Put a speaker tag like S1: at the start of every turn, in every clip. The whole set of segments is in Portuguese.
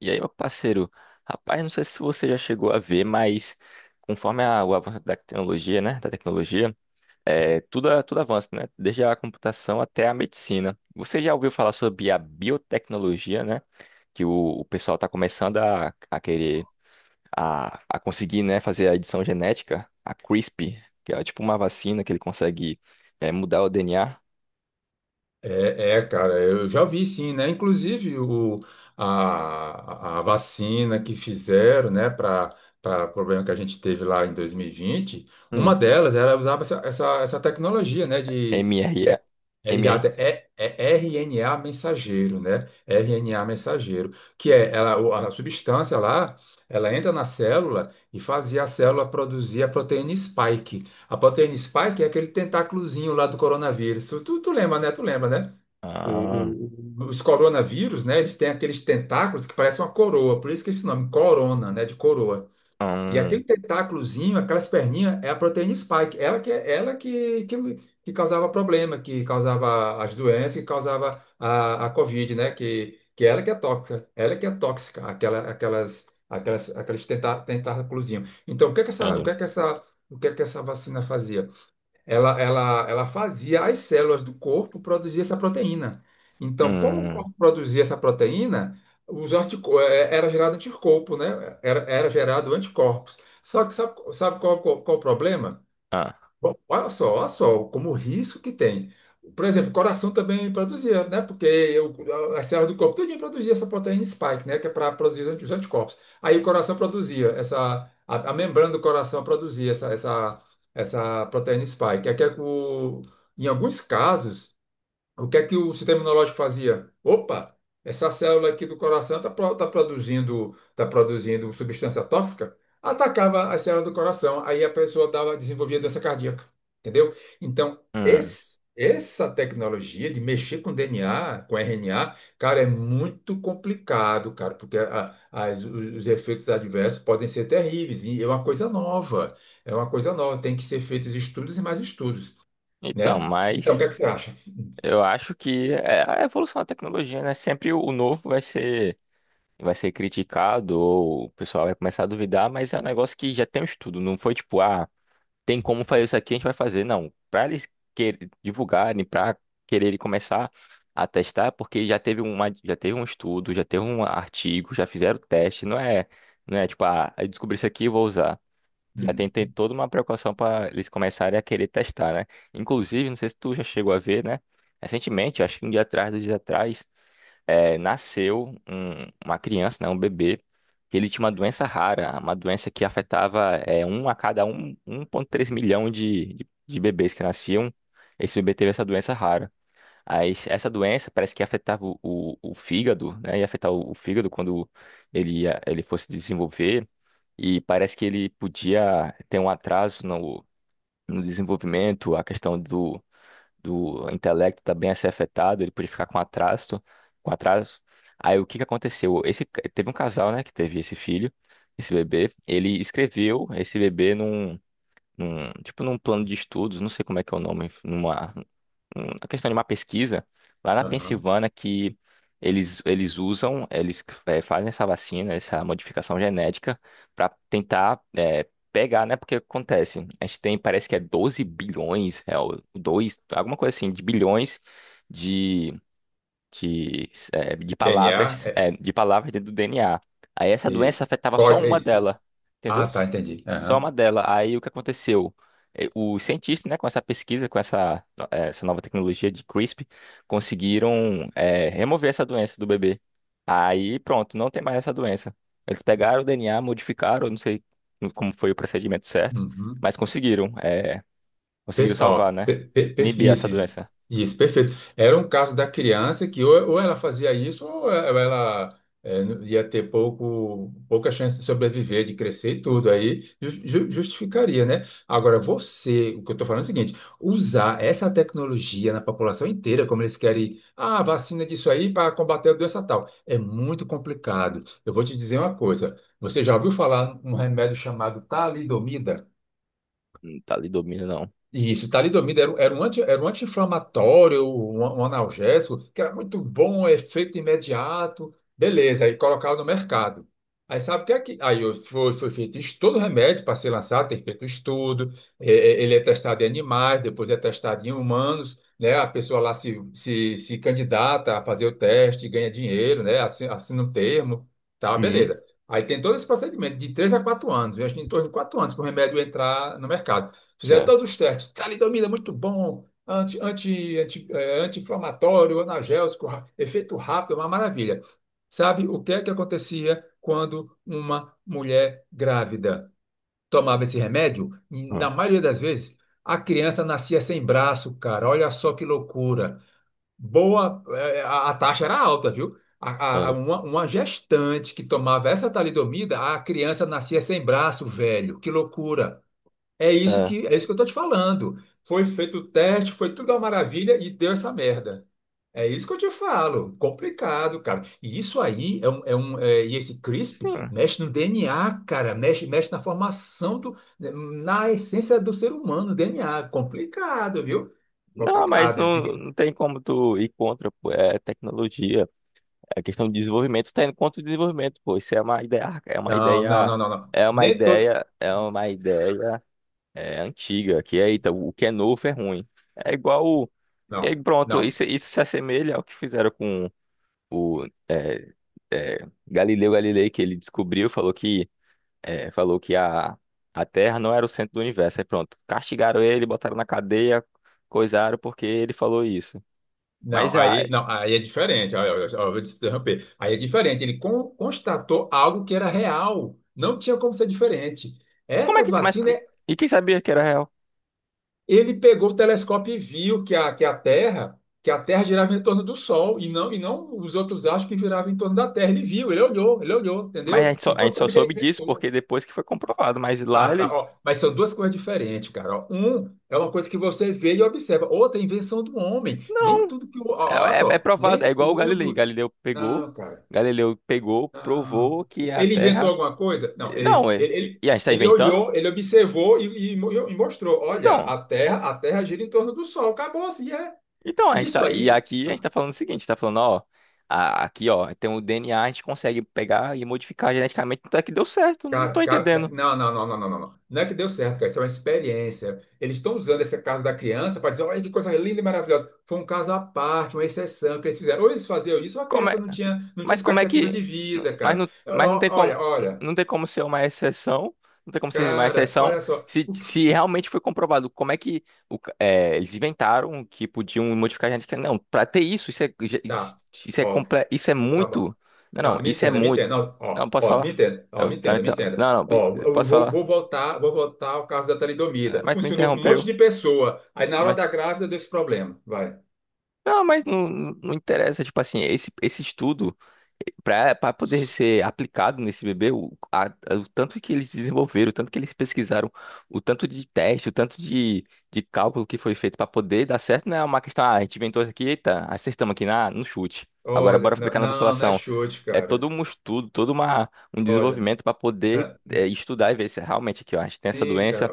S1: E aí, meu parceiro, rapaz, não sei se você já chegou a ver, mas conforme o avanço da tecnologia, né, tudo avança, né, desde a computação até a medicina. Você já ouviu falar sobre a biotecnologia, né, que o pessoal está começando a querer, a conseguir, né, fazer a edição genética, a CRISPR, que é tipo uma vacina que ele consegue, mudar o DNA.
S2: É, é, cara, eu já vi sim, né? Inclusive a vacina que fizeram, né, para problema que a gente teve lá em 2020, uma
S1: Hum.
S2: delas era usava essa tecnologia, né, de
S1: mRNA.
S2: é, é,
S1: mRNA.
S2: exato, é, é RNA mensageiro, né? RNA mensageiro, que é ela, a substância lá, ela entra na célula e fazia a célula produzir a proteína spike. A proteína spike é aquele tentáculozinho lá do coronavírus. Tu lembra, né? Tu lembra, né? O-
S1: Ah.
S2: o- os coronavírus, né? Eles têm aqueles tentáculos que parecem uma coroa, por isso que esse nome, corona, né? De coroa. E
S1: Hum.
S2: aquele tentáculozinho, aquelas perninhas, é a proteína spike. Ela que causava problema, que causava as doenças, que causava a Covid, né? Que ela que é tóxica, ela que é tóxica, aqueles tentáculozinhos. Então,
S1: Entendi.
S2: o que é que essa vacina fazia? Ela fazia as células do corpo produzir essa proteína. Então, como o
S1: Hum.
S2: corpo produzia essa proteína, era gerado anticorpo, né? Era gerado anticorpos. Só que sabe qual o problema?
S1: Ah.
S2: Bom, olha só como o risco que tem. Por exemplo, o coração também produzia, né? Porque as células do corpo todinho produzia essa proteína spike, né? Que é para produzir os anticorpos. Aí o coração produzia a membrana do coração produzia essa proteína spike. Em alguns casos, o que é que o sistema imunológico fazia? Opa, essa célula aqui do coração tá produzindo substância tóxica, atacava as células do coração, aí a pessoa dava, desenvolvia doença cardíaca, entendeu? Então,
S1: Hum.
S2: essa tecnologia de mexer com DNA, com RNA, cara, é muito complicado, cara, porque os efeitos adversos podem ser terríveis, e é uma coisa nova, é uma coisa nova, tem que ser feitos estudos e mais estudos,
S1: Então,
S2: né? Então, o que
S1: mas
S2: é que você acha?
S1: eu acho que é a evolução da tecnologia, né? Sempre o novo vai ser criticado, ou o pessoal vai começar a duvidar, mas é um negócio que já tem um estudo. Não foi tipo, ah, tem como fazer isso aqui, a gente vai fazer. Não, para eles divulgarem, para quererem começar a testar, é porque já teve um estudo, já teve um artigo, já fizeram teste. Não é não é tipo, ah, eu descobri isso aqui e vou usar. Já tem,
S2: Hum.
S1: tem toda uma precaução para eles começarem a querer testar, né? Inclusive, não sei se tu já chegou a ver, né? Recentemente, acho que um dia atrás, 2 dias atrás, nasceu uma criança, né? Um bebê, que ele tinha uma doença rara, uma doença que afetava um a cada um, 1,3 milhão de, bebês que nasciam. Esse bebê teve essa doença rara. Essa doença parece que afetava o fígado, né? Ia afetar o fígado quando ele fosse desenvolver. E parece que ele podia ter um atraso no desenvolvimento, a questão do intelecto também a ser afetado; ele podia ficar com atraso. Aí o que que aconteceu? Teve um casal, né, que teve esse filho, esse bebê. Ele escreveu esse bebê num, tipo num plano de estudos, não sei como é que é o nome, a questão de uma pesquisa lá na
S2: Aham.
S1: Pensilvânia, que eles usam. Eles fazem essa vacina, essa modificação genética para tentar pegar, né? Porque acontece, a gente tem, parece que é 12 bilhões, o 2 alguma coisa assim, de bilhões de, de
S2: DNA
S1: palavras,
S2: é
S1: dentro do DNA. Aí essa doença
S2: isso.
S1: afetava só
S2: Código é
S1: uma
S2: isso.
S1: dela,
S2: Ah,
S1: entendeu?
S2: tá, entendi.
S1: Só
S2: Aham.
S1: uma dela. Aí o que aconteceu? Os cientistas, né, com essa pesquisa, com essa nova tecnologia de CRISPR, conseguiram, remover essa doença do bebê. Aí pronto, não tem mais essa doença. Eles pegaram o DNA, modificaram, não sei como foi o procedimento certo,
S2: Uhum.
S1: mas conseguiram
S2: Ó,
S1: salvar, né? Inibir essa
S2: isso, isso,
S1: doença.
S2: isso, perfeito. Era um caso da criança que ou ela fazia isso ou ela ia ter pouca chance de sobreviver, de crescer e tudo. Aí justificaria, né? Agora, você, o que eu estou falando é o seguinte: usar essa tecnologia na população inteira, como eles querem, ah, vacina disso aí para combater a doença tal, é muito complicado. Eu vou te dizer uma coisa: você já ouviu falar num remédio chamado talidomida?
S1: Não, tá ali domínio, não.
S2: Isso, talidomida era um anti-inflamatório, um analgésico, que era muito bom, efeito imediato. Beleza, aí colocava no mercado. Aí sabe o que é que. Foi feito estudo, remédio para ser lançado, tem feito estudo. Ele é testado em animais, depois é testado em humanos, né? A pessoa lá se candidata a fazer o teste, ganha dinheiro, né? Assina um termo, tá,
S1: Hum.
S2: beleza. Aí tem todo esse procedimento de 3 a 4 anos, eu acho que em torno de 4 anos para o remédio entrar no mercado. Fizeram todos
S1: Certo.
S2: os testes. Talidomida, é muito bom. Anti-inflamatório, analgésico, efeito rápido, uma maravilha. Sabe o que é que acontecia quando uma mulher grávida tomava esse remédio?
S1: Hum.
S2: Na maioria das vezes, a criança nascia sem braço, cara. Olha só que loucura. Boa, a taxa era alta, viu? A, a- a-
S1: Era.
S2: uma, uma gestante que tomava essa talidomida, a criança nascia sem braço, velho. Que loucura.
S1: É.
S2: É isso que eu tô te falando. Foi feito o teste, foi tudo uma maravilha e deu essa merda. É isso que eu te falo. Complicado, cara. E isso aí é um e esse CRISP
S1: Sim.
S2: mexe no DNA, cara. Mexe, mexe na formação do, na essência do ser humano, DNA. Complicado, viu?
S1: Não, mas
S2: Complicado. Diga
S1: não,
S2: aí.
S1: não tem como tu ir contra, pô, é tecnologia. É questão de desenvolvimento, tendo quanto de desenvolvimento, pô, isso
S2: Não, não, não, não, não. Nem todo.
S1: é uma ideia antiga, que é, eita, o que é novo é ruim. É igual, e aí
S2: Não,
S1: pronto,
S2: não.
S1: isso se assemelha ao que fizeram com o é, é, Galileu Galilei, que ele descobriu, falou que a Terra não era o centro do universo. Aí pronto, castigaram ele, botaram na cadeia, coisaram porque ele falou isso.
S2: Não,
S1: Mas, a,
S2: aí, não, aí é diferente. Ó, ó, ó, eu vou te interromper. Aí é diferente. Ele constatou algo que era real. Não tinha como ser diferente.
S1: como é
S2: Essas
S1: que, mas,
S2: vacinas,
S1: E quem sabia que era real?
S2: ele pegou o telescópio e viu que a Terra girava em torno do Sol e não, os outros acham que girava em torno da Terra. Ele viu, ele olhou,
S1: Mas
S2: entendeu? Não
S1: a
S2: foi
S1: gente só
S2: coisa que ele
S1: soube disso
S2: inventou.
S1: porque depois que foi comprovado. Mas lá
S2: Ah, tá,
S1: ele.
S2: ó, mas são duas coisas diferentes, cara. Ó. Um é uma coisa que você vê e observa. Outra é a invenção do homem. Nem
S1: Não,
S2: tudo que o.
S1: é,
S2: Ó, olha
S1: é, é
S2: só,
S1: provado.
S2: nem
S1: É igual o Galilei.
S2: tudo. Não, cara.
S1: Galileu pegou,
S2: Ah,
S1: provou que a
S2: ele inventou
S1: Terra.
S2: alguma coisa? Não,
S1: Não, é. E, e a gente tá
S2: ele
S1: inventando?
S2: olhou, ele observou e mostrou. Olha,
S1: Então,
S2: a Terra gira em torno do Sol. Acabou, assim, é.
S1: a gente
S2: Isso
S1: tá. E
S2: aí,
S1: aqui a gente
S2: ah,
S1: tá falando o seguinte: tá falando, ó, aqui, ó, tem o DNA, a gente consegue pegar e modificar geneticamente. Até que deu certo. Não tô
S2: cara, cara,
S1: entendendo.
S2: não, não, não, não, não, não. Não. Não é que deu certo, cara. Isso é uma experiência. Eles estão usando esse caso da criança para dizer, olha que coisa linda e maravilhosa. Foi um caso à parte, uma exceção que eles fizeram. Ou eles faziam isso, ou a
S1: Como é.
S2: criança não tinha, não tinha
S1: Mas como é
S2: expectativa de
S1: que.
S2: vida,
S1: Mas
S2: cara.
S1: não,
S2: Olha, olha, olha,
S1: não tem como, ser uma exceção. Não tem como ser uma
S2: cara,
S1: exceção
S2: olha só.
S1: se, se realmente foi comprovado. Como é que eles inventaram que podiam modificar a genética? Não, para ter
S2: Tá.
S1: isso é
S2: Tá bom.
S1: muito. Não, não,
S2: Tá, me
S1: isso é
S2: entenda, me
S1: muito.
S2: entenda. Ó, ó,
S1: Não, posso falar?
S2: ó, me
S1: Tá,
S2: entenda, me
S1: então,
S2: entenda.
S1: não, não,
S2: Ó,
S1: eu
S2: eu
S1: posso falar?
S2: vou voltar ao caso da
S1: É,
S2: talidomida.
S1: mas tu me
S2: Funcionou com um monte
S1: interrompeu.
S2: de pessoa. Aí na hora da
S1: Mas,
S2: grávida deu esse problema. Vai.
S1: Não, mas não, não interessa, tipo assim, esse estudo, para poder ser aplicado nesse bebê, o tanto que eles desenvolveram, o tanto que eles pesquisaram, o tanto de teste, o tanto de cálculo que foi feito para poder dar certo. Não é uma questão, ah, a gente inventou isso aqui, eita, acertamos aqui no chute. Agora bora
S2: Olha, não,
S1: aplicar na
S2: não não é
S1: população.
S2: chute,
S1: É todo
S2: cara.
S1: um estudo, todo um
S2: Olha.
S1: desenvolvimento para poder
S2: é,
S1: estudar e ver se é realmente aqui, ó, a gente tem essa
S2: Sim,
S1: doença
S2: cara.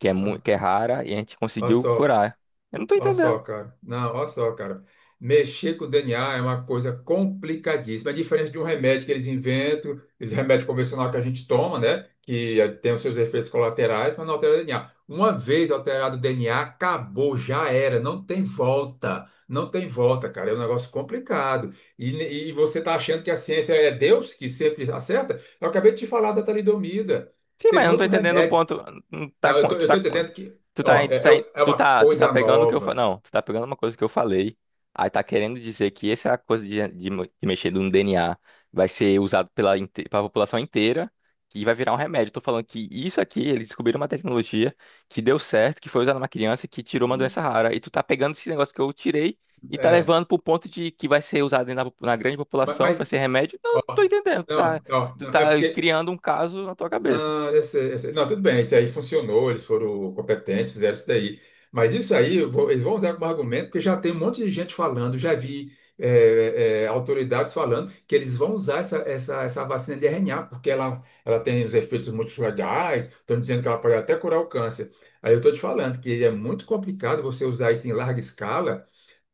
S2: Ó,
S1: que
S2: ó,
S1: é rara e a gente
S2: ó
S1: conseguiu
S2: só.
S1: curar. Eu não tô
S2: Olha só,
S1: entendendo.
S2: cara. Não, olha só, cara. Mexer com o DNA é uma coisa complicadíssima. É diferente de um remédio que eles inventam, esse remédio convencional que a gente toma, né? Que tem os seus efeitos colaterais, mas não altera o DNA. Uma vez alterado o DNA, acabou, já era, não tem volta. Não tem volta, cara. É um negócio complicado. E, e você tá achando que a ciência é Deus que sempre acerta? Eu acabei de te falar da talidomida.
S1: Sim, mas
S2: Teve
S1: eu não tô
S2: outro
S1: entendendo o
S2: remédio.
S1: ponto. Não tá,
S2: Não, eu
S1: com-
S2: tô,
S1: tu
S2: eu
S1: tá,
S2: tô
S1: com-
S2: entendendo que,
S1: tu tá,
S2: ó, é uma
S1: Tu tá
S2: coisa
S1: pegando o que eu falei.
S2: nova.
S1: Não, tu tá pegando uma coisa que eu falei. Aí tá querendo dizer que essa coisa de, de mexer no DNA vai ser usado pela, pela população inteira e vai virar um remédio. Eu tô falando que isso aqui, eles descobriram uma tecnologia que deu certo, que foi usada numa criança, que tirou uma
S2: Isso.
S1: doença rara. E tu tá pegando esse negócio que eu tirei e tá
S2: É,
S1: levando pro ponto de que vai ser usado na grande população, que
S2: mas,
S1: vai ser remédio. Não, não tô
S2: ó,
S1: entendendo. Tu tá,
S2: não, ó, não, é porque,
S1: criando um caso na tua cabeça.
S2: não, não, tudo bem, isso aí funcionou, eles foram competentes, fizeram isso daí. Mas isso aí, eles vão usar como argumento, porque já tem um monte de gente falando, já vi autoridades falando que eles vão usar essa vacina de RNA, porque ela tem os efeitos muito legais, estão dizendo que ela pode até curar o câncer. Aí eu estou te falando que é muito complicado você usar isso em larga escala,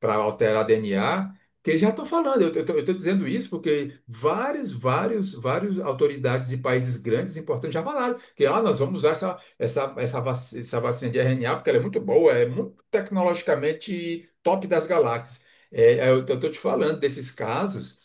S2: para alterar DNA, que já estão falando. Eu estou dizendo isso porque vários autoridades de países grandes, importantes, já falaram que ah, nós vamos usar essa vacina de RNA porque ela é muito boa, é muito tecnologicamente top das galáxias. Eu estou te falando desses casos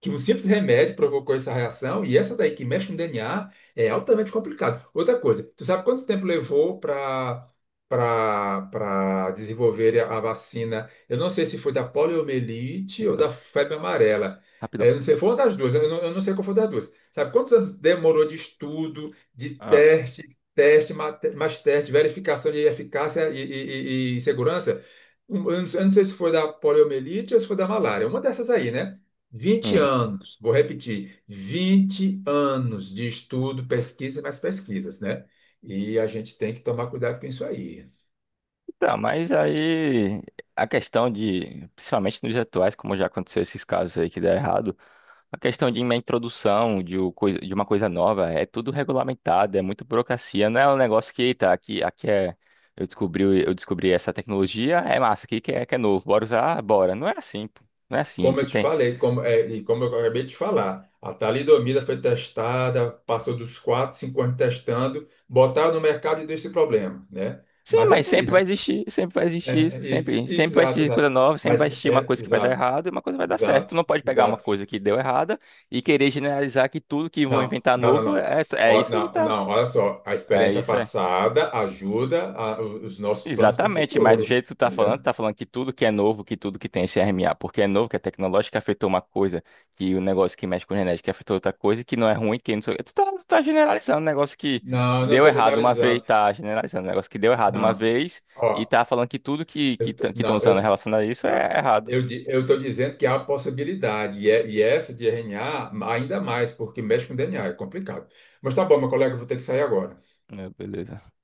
S2: que um simples remédio provocou essa reação e essa daí que mexe no DNA é altamente complicado. Outra coisa, tu sabe quanto tempo levou para desenvolver a vacina. Eu não sei se foi da poliomielite ou
S1: Rapidão,
S2: da febre amarela.
S1: rapidão.
S2: Eu não sei, foi uma das duas. Né? Eu não sei qual foi das duas. Sabe quantos anos demorou de estudo, de
S1: Ah.
S2: teste, mais teste, verificação de eficácia e segurança? Eu não sei se foi da poliomielite ou se foi da malária. Uma dessas aí, né? Vinte
S1: Hum.
S2: anos, vou repetir, 20 anos de estudo, pesquisa e mais pesquisas, né? E a gente tem que tomar cuidado com isso aí.
S1: Tá, mas aí a questão de, principalmente nos dias atuais, como já aconteceu esses casos aí que deram errado, a questão de uma introdução de uma coisa nova é tudo regulamentado, é muito burocracia. Não é um negócio que, tá, aqui, eu descobri, essa tecnologia, é massa, aqui que é novo, bora usar, bora. Não é assim, pô, não é assim,
S2: Como eu
S1: que
S2: te
S1: tem.
S2: falei, e como eu acabei de falar, a talidomida foi testada, passou dos 4, 5 anos testando, botaram no mercado e deu esse problema, né?
S1: Sim,
S2: Mas é
S1: mas
S2: isso aí, né?
S1: sempre vai
S2: É,
S1: existir isso,
S2: é isso,
S1: sempre,
S2: isso,
S1: sempre vai
S2: exato,
S1: existir coisa
S2: exato.
S1: nova, sempre vai
S2: Mas
S1: existir uma
S2: é,
S1: coisa que vai dar
S2: exato,
S1: errado e uma coisa que vai dar certo. Tu
S2: exato,
S1: não pode pegar uma
S2: exato.
S1: coisa que deu errada e querer generalizar que tudo que vão
S2: Não,
S1: inventar
S2: não, não,
S1: novo
S2: não.
S1: é
S2: Ó,
S1: isso aí que
S2: não,
S1: tá.
S2: não, olha só, a
S1: É
S2: experiência
S1: isso aí.
S2: passada ajuda os nossos planos para o
S1: Exatamente, mas do
S2: futuro,
S1: jeito que tu tá falando,
S2: entendeu?
S1: que tudo que é novo, que tudo que tem CRMA, porque é novo, que é tecnológico, que afetou uma coisa, que o negócio que mexe com genética afetou outra coisa, que não é ruim, que não sei o quê. Tu tá generalizando um negócio que
S2: Não, não
S1: deu
S2: estou
S1: errado uma vez,
S2: generalizando.
S1: tá generalizando um negócio que deu errado uma
S2: Não,
S1: vez, e
S2: ó,
S1: tá falando que tudo que
S2: eu,
S1: estão
S2: não,
S1: usando
S2: eu
S1: relacionado a isso é
S2: Não.
S1: errado.
S2: Eu estou dizendo que há possibilidade, e essa de RNA ainda mais, porque mexe com DNA, é complicado. Mas tá bom, meu colega, eu vou ter que sair agora.
S1: É, beleza.